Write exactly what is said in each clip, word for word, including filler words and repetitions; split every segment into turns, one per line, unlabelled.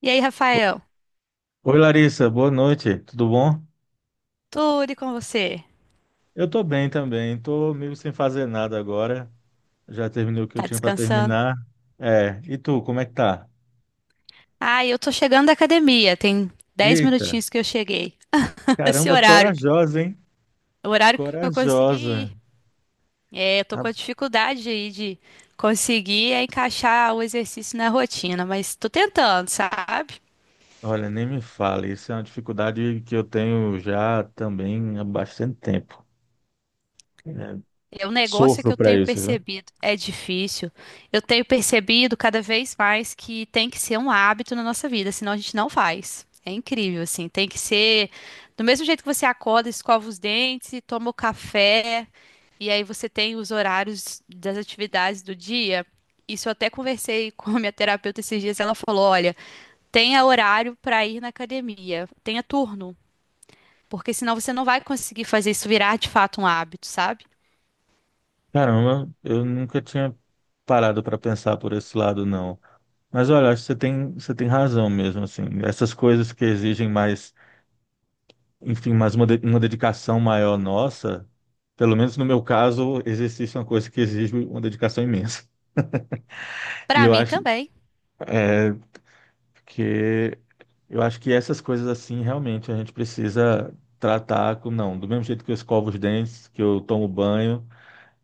E aí, Rafael?
Oi Larissa, boa noite, tudo bom?
Tudo e com você?
Eu tô bem também, tô meio sem fazer nada agora, já terminei o que eu
Tá
tinha para
descansando?
terminar. É, e tu, como é que tá?
Ah, eu tô chegando da academia. Tem dez
Eita,
minutinhos que eu cheguei. Esse
caramba,
horário,
corajosa, hein?
é o horário que eu
Corajosa.
consegui ir. É, eu tô
Ah,
com a dificuldade aí de conseguir encaixar o exercício na rotina, mas tô tentando, sabe?
olha, nem me fale, isso é uma dificuldade que eu tenho já também há bastante tempo. É,
O negócio que
sofro
eu
para
tenho
isso, viu?
percebido é difícil. Eu tenho percebido cada vez mais que tem que ser um hábito na nossa vida, senão a gente não faz. É incrível, assim. Tem que ser do mesmo jeito que você acorda, escova os dentes, e toma o café, e aí você tem os horários das atividades do dia. Isso eu até conversei com a minha terapeuta esses dias. Ela falou: olha, tenha horário para ir na academia, tenha turno, porque senão você não vai conseguir fazer isso virar de fato um hábito, sabe?
Caramba, eu nunca tinha parado para pensar por esse lado, não. Mas olha, acho que você tem, você tem razão mesmo, assim. Essas coisas que exigem mais enfim, mas uma, de- uma dedicação maior nossa, pelo menos no meu caso, exercício é uma coisa que exige uma dedicação imensa. E
Para
eu
mim
acho
também.
é, que eu acho que essas coisas assim realmente a gente precisa tratar com, não, do mesmo jeito que eu escovo os dentes, que eu tomo banho,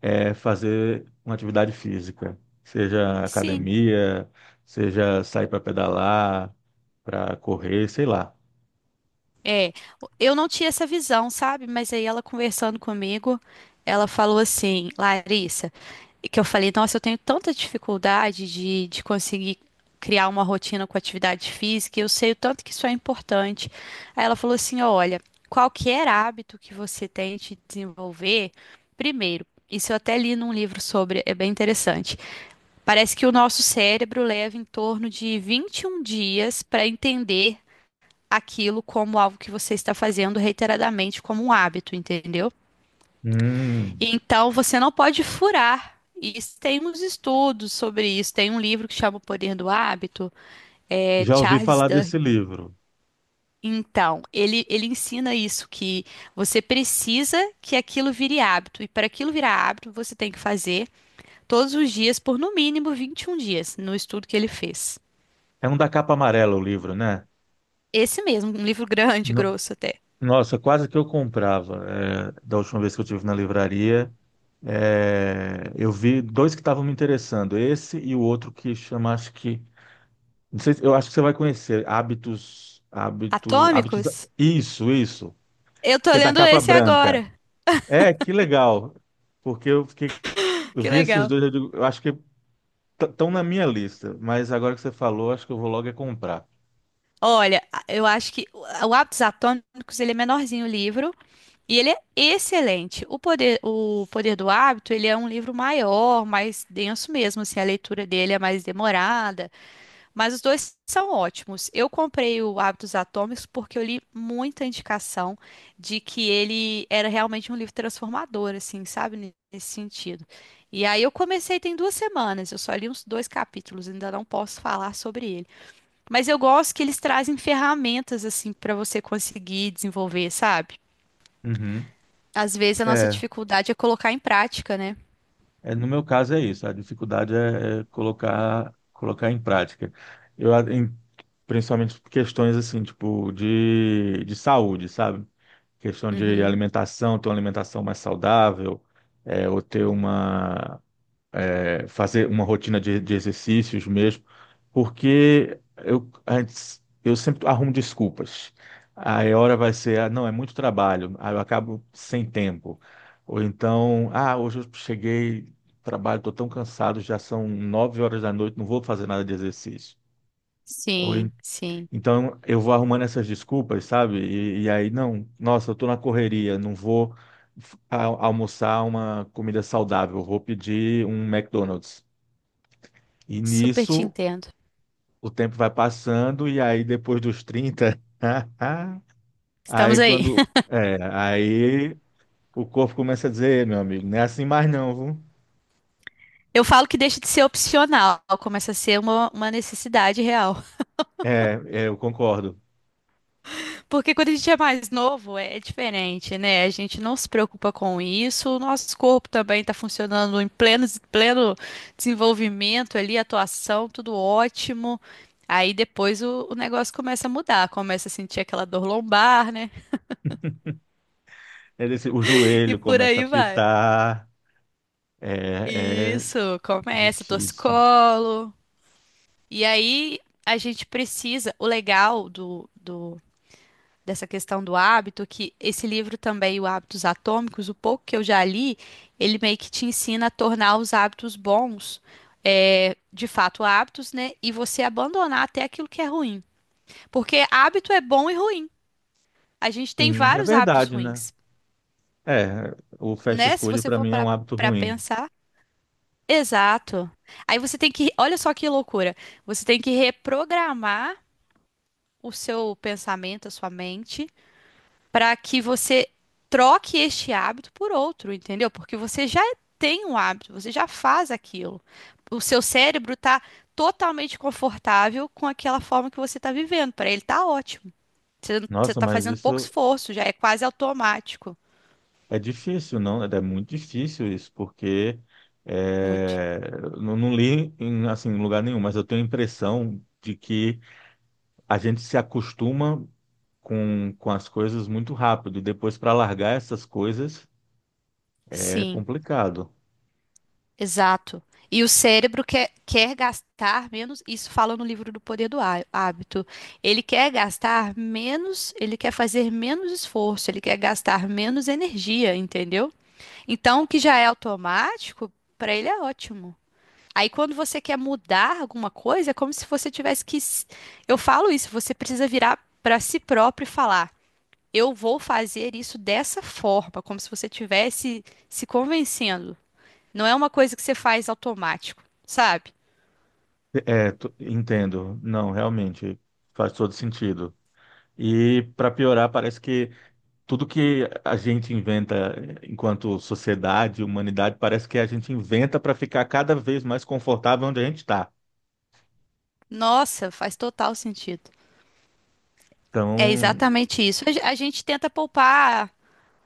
é fazer uma atividade física, seja
Sim,
academia, seja sair para pedalar, para correr, sei lá.
é. Eu não tinha essa visão, sabe? Mas aí ela conversando comigo, ela falou assim, Larissa, que eu falei, nossa, eu tenho tanta dificuldade de, de conseguir criar uma rotina com atividade física, e eu sei o tanto que isso é importante. Aí ela falou assim, olha, qualquer hábito que você tente desenvolver, primeiro, isso eu até li num livro sobre, é bem interessante. Parece que o nosso cérebro leva em torno de vinte e um dias para entender aquilo como algo que você está fazendo reiteradamente como um hábito, entendeu?
Hum,
Então você não pode furar. E isso tem uns estudos sobre isso. Tem um livro que chama O Poder do Hábito, é
já ouvi
Charles
falar
Duhigg.
desse livro.
Então, ele, ele ensina isso, que você precisa que aquilo vire hábito. E para aquilo virar hábito, você tem que fazer todos os dias por no mínimo vinte e um dias, no estudo que ele fez.
É um da capa amarela o livro, né?
Esse mesmo, um livro grande,
No-
grosso até.
Nossa, quase que eu comprava. É, da última vez que eu tive na livraria, é, eu vi dois que estavam me interessando. Esse e o outro que chama, acho que, não sei, se- eu acho que você vai conhecer. Hábitos, hábito, hábitos.
Atômicos?
Isso, isso.
Eu tô
Que é da
lendo
capa
esse
branca.
agora.
É, que legal. Porque eu fiquei, eu
Que
vi esses
legal.
dois, eu, digo, eu acho que estão na minha lista. Mas agora que você falou, acho que eu vou logo é comprar.
Olha, a- eu acho que o o Hábitos Atômicos, ele é menorzinho o livro e ele é excelente. O Poder, o Poder do Hábito, ele é um livro maior, mais denso mesmo, assim, a leitura dele é mais demorada, mas os dois são ótimos. Eu comprei o Hábitos Atômicos porque eu li muita indicação de que ele era realmente um livro transformador, assim, sabe, ne- nesse sentido. E aí eu comecei tem duas semanas, eu só li uns dois capítulos, ainda não posso falar sobre ele. Mas eu gosto que eles trazem ferramentas assim para você conseguir desenvolver, sabe?
Uhum.
Às vezes a nossa
É.
dificuldade é colocar em prática, né?
É, no meu caso é isso, a dificuldade é, é colocar, colocar em prática. Eu, a- em- Principalmente questões assim, tipo, de, de saúde, sabe? Questão de
Uhum.
alimentação, ter uma alimentação mais saudável, é, ou ter uma, fazer uma rotina de, de exercícios mesmo, porque eu, antes, eu sempre arrumo desculpas. Aí a hora vai ser, ah, não, é muito trabalho, aí eu acabo sem tempo. Ou então, ah, hoje eu cheguei, trabalho, estou tão cansado, já são nove horas da noite, não vou fazer nada de exercício. Ou en-
Sim, sim.
então eu vou arrumando essas desculpas, sabe? E, e aí, não, nossa, eu estou na correria, não vou. f- a- Almoçar uma comida saudável, vou pedir um McDonald's. E
Super te
nisso
entendo.
o tempo vai passando, e aí depois dos trinta
Estamos
aí
aí.
quando. É, aí o corpo começa a dizer, "Ei, meu amigo, não é assim mais não, viu?"
Eu falo que deixa de ser opcional, começa a ser uma, uma necessidade real.
É, é, eu concordo.
Porque quando a gente é mais novo, é diferente, né? A gente não se preocupa com isso. O nosso corpo também está funcionando em pleno, pleno desenvolvimento ali, atuação, tudo ótimo. Aí depois o, o negócio começa a mudar, começa a sentir aquela dor lombar, né?
É desse- o
E
joelho
por
começa a
aí vai.
pitar, é, é
Isso, começa,
difícil.
torcicolo. E aí a gente precisa. O legal do, do dessa questão do hábito, que esse livro também, o Hábitos Atômicos, o pouco que eu já li, ele meio que te ensina a tornar os hábitos bons, é, de fato hábitos, né? E você abandonar até aquilo que é ruim. Porque hábito é bom e ruim. A gente tem
Sim, é
vários hábitos
verdade, né?
ruins,
É, o fast
né? Se
food
você
para
for
mim é
para
um hábito
para
ruim.
pensar. Exato. Aí você tem que, olha só que loucura. Você tem que reprogramar o seu pensamento, a sua mente para que você troque este hábito por outro, entendeu? Porque você já tem um hábito, você já faz aquilo. O seu cérebro está totalmente confortável com aquela forma que você está vivendo. Para ele está ótimo. Você
Nossa,
está
mas
fazendo pouco
isso
esforço, já é quase automático.
é difícil, não? Né? É muito difícil isso, porque
Muito.
é, não, não li em, assim, em lugar nenhum, mas eu tenho a impressão de que a gente se acostuma com, com as coisas muito rápido, e depois para largar essas coisas é
Sim.
complicado.
Exato. E o cérebro quer, quer gastar menos, isso fala no livro do Poder do Há- Hábito. Ele quer gastar menos, ele quer fazer menos esforço, ele quer gastar menos energia, entendeu? Então, o que já é automático, para ele é ótimo. Aí, quando você quer mudar alguma coisa, é como se você tivesse que. s- Eu falo isso, você precisa virar para si próprio e falar: eu vou fazer isso dessa forma, como se você tivesse se convencendo. Não é uma coisa que você faz automático, sabe?
É, tu- entendo. Não, realmente faz todo sentido. E para piorar, parece que tudo que a gente inventa enquanto sociedade, humanidade, parece que a gente inventa para ficar cada vez mais confortável onde a gente está.
Nossa, faz total sentido. É
Então,
exatamente isso. A ge- a gente tenta poupar,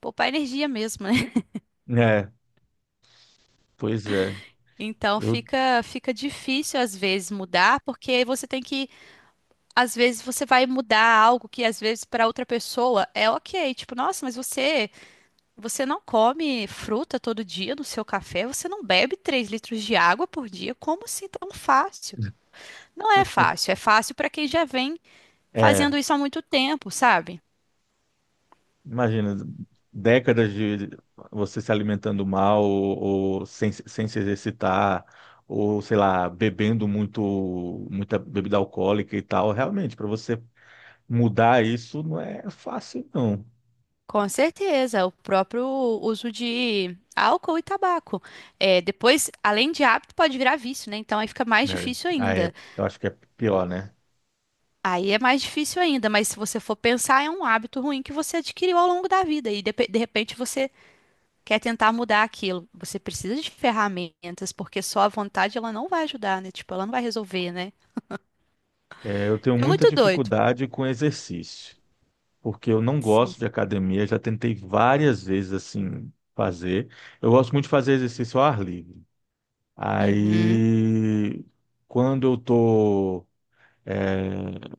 poupar energia mesmo, né?
é, pois é.
Então
Eu,
fica, fica difícil às vezes mudar, porque aí você tem que, às vezes você vai mudar algo que às vezes para outra pessoa é ok, tipo, nossa, mas você, você não come fruta todo dia no seu café, você não bebe três litros de água por dia, como assim tão fácil? Não é fácil, é fácil para quem já vem
é,
fazendo isso há muito tempo, sabe?
imagina, décadas de você se alimentando mal ou, ou sem, sem se exercitar, ou sei lá, bebendo muito, muita bebida alcoólica e tal. Realmente, para você mudar isso não é fácil, não.
Com certeza, o próprio uso de álcool e tabaco. É, depois, além de hábito, pode virar vício, né? Então aí fica mais
Né?
difícil
Aí,
ainda.
eu acho que é pior, né?
Aí é mais difícil ainda, mas se você for pensar, é um hábito ruim que você adquiriu ao longo da vida e de, de repente você quer tentar mudar aquilo. Você precisa de ferramentas, porque só a vontade ela não vai ajudar, né? Tipo, ela não vai resolver, né?
É, eu tenho
É
muita
muito doido.
dificuldade com exercício. Porque eu não
Sim.
gosto de academia, já tentei várias vezes assim fazer. Eu gosto muito de fazer exercício ao ar livre.
Uhum.
Aí, quando eu tô é,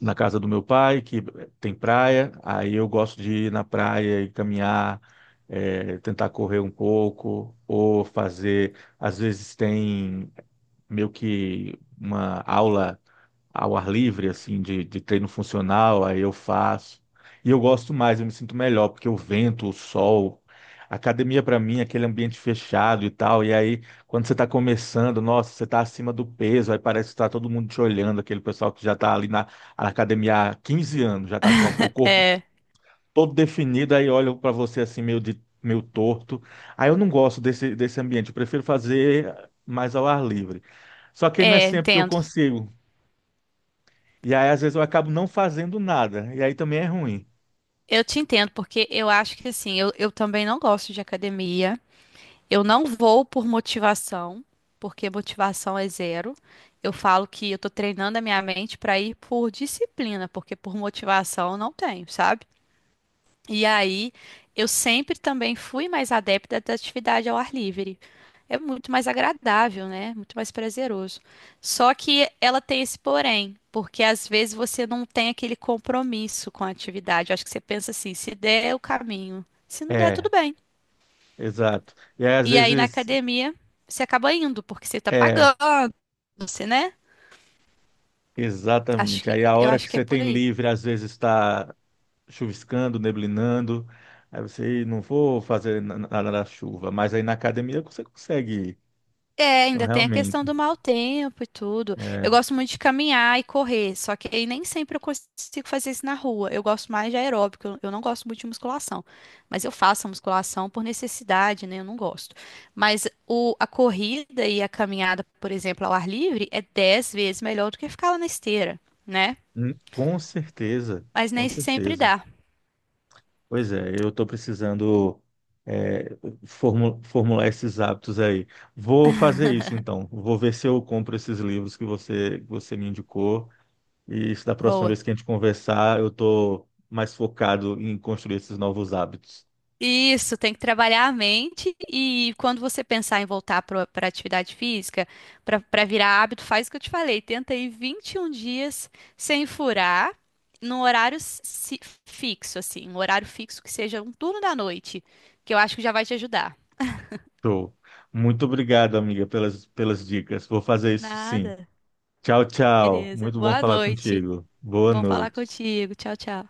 na casa do meu pai, que tem praia, aí eu gosto de ir na praia e caminhar, é, tentar correr um pouco, ou fazer, às vezes tem meio que uma aula ao ar livre, assim, de, de treino funcional, aí eu faço. E eu gosto mais, eu me sinto melhor, porque o vento, o sol, a academia para mim, é aquele ambiente fechado e tal, e aí quando você está começando, nossa, você está acima do peso, aí parece que está todo mundo te olhando, aquele pessoal que já está ali na, na academia há quinze anos, já está com a- o corpo
É,
todo definido, aí olha para você assim, meio de meio torto. Aí eu não gosto desse, desse ambiente, eu prefiro fazer mais ao ar livre. Só que não é
é,
sempre que eu
entendo.
consigo. E aí, às vezes, eu acabo não fazendo nada. E aí também é ruim.
Eu te entendo, porque eu acho que assim, eu, eu também não gosto de academia. Eu não vou por motivação, porque motivação é zero. Eu falo que eu tô treinando a minha mente para ir por disciplina, porque por motivação eu não tenho, sabe? E aí, eu sempre também fui mais adepta da atividade ao ar livre. É muito mais agradável, né? Muito mais prazeroso. Só que ela tem esse porém, porque às vezes você não tem aquele compromisso com a atividade. Eu acho que você pensa assim, se der é o caminho, se não der,
É,
tudo bem.
exato. E aí, às
E aí na
vezes,
academia você acaba indo, porque você tá
é,
pagando, você, né? Acho
exatamente.
que
Aí a
eu
hora que
acho que é
você
por
tem
aí.
livre, às vezes está chuviscando, neblinando. Aí você, "Ih, não vou fazer na- nada na chuva." Mas aí na academia você consegue ir.
É,
Então,
ainda tem a
realmente,
questão do mau tempo e tudo. Eu
é,
gosto muito de caminhar e correr, só que aí nem sempre eu consigo fazer isso na rua. Eu gosto mais de aeróbico, eu eu não gosto muito de musculação. Mas eu faço a musculação por necessidade, né? Eu não gosto. Mas o, a corrida e a caminhada, por exemplo, ao ar livre, é dez vezes melhor do que ficar lá na esteira, né?
hum, com certeza,
Mas
com
nem sempre
certeza.
dá.
Pois é, eu estou precisando é, formu- formular esses hábitos aí. Vou fazer isso então. Vou ver se eu compro esses livros que você, você me indicou. E se da próxima
Boa.
vez que a gente conversar, eu estou mais focado em construir esses novos hábitos.
Isso, tem que trabalhar a mente e quando você pensar em voltar para a atividade física, para virar hábito, faz o que eu te falei, tenta ir vinte e um dias sem furar, num horário si- fixo, assim, um horário fixo que seja um turno da noite, que eu acho que já vai te ajudar.
Show. Muito obrigado, amiga, pelas, pelas dicas. Vou fazer isso sim.
Nada.
Tchau, tchau.
Beleza.
Muito bom
Boa
falar
noite.
contigo. Boa
Bom falar
noite.
contigo. Tchau, tchau.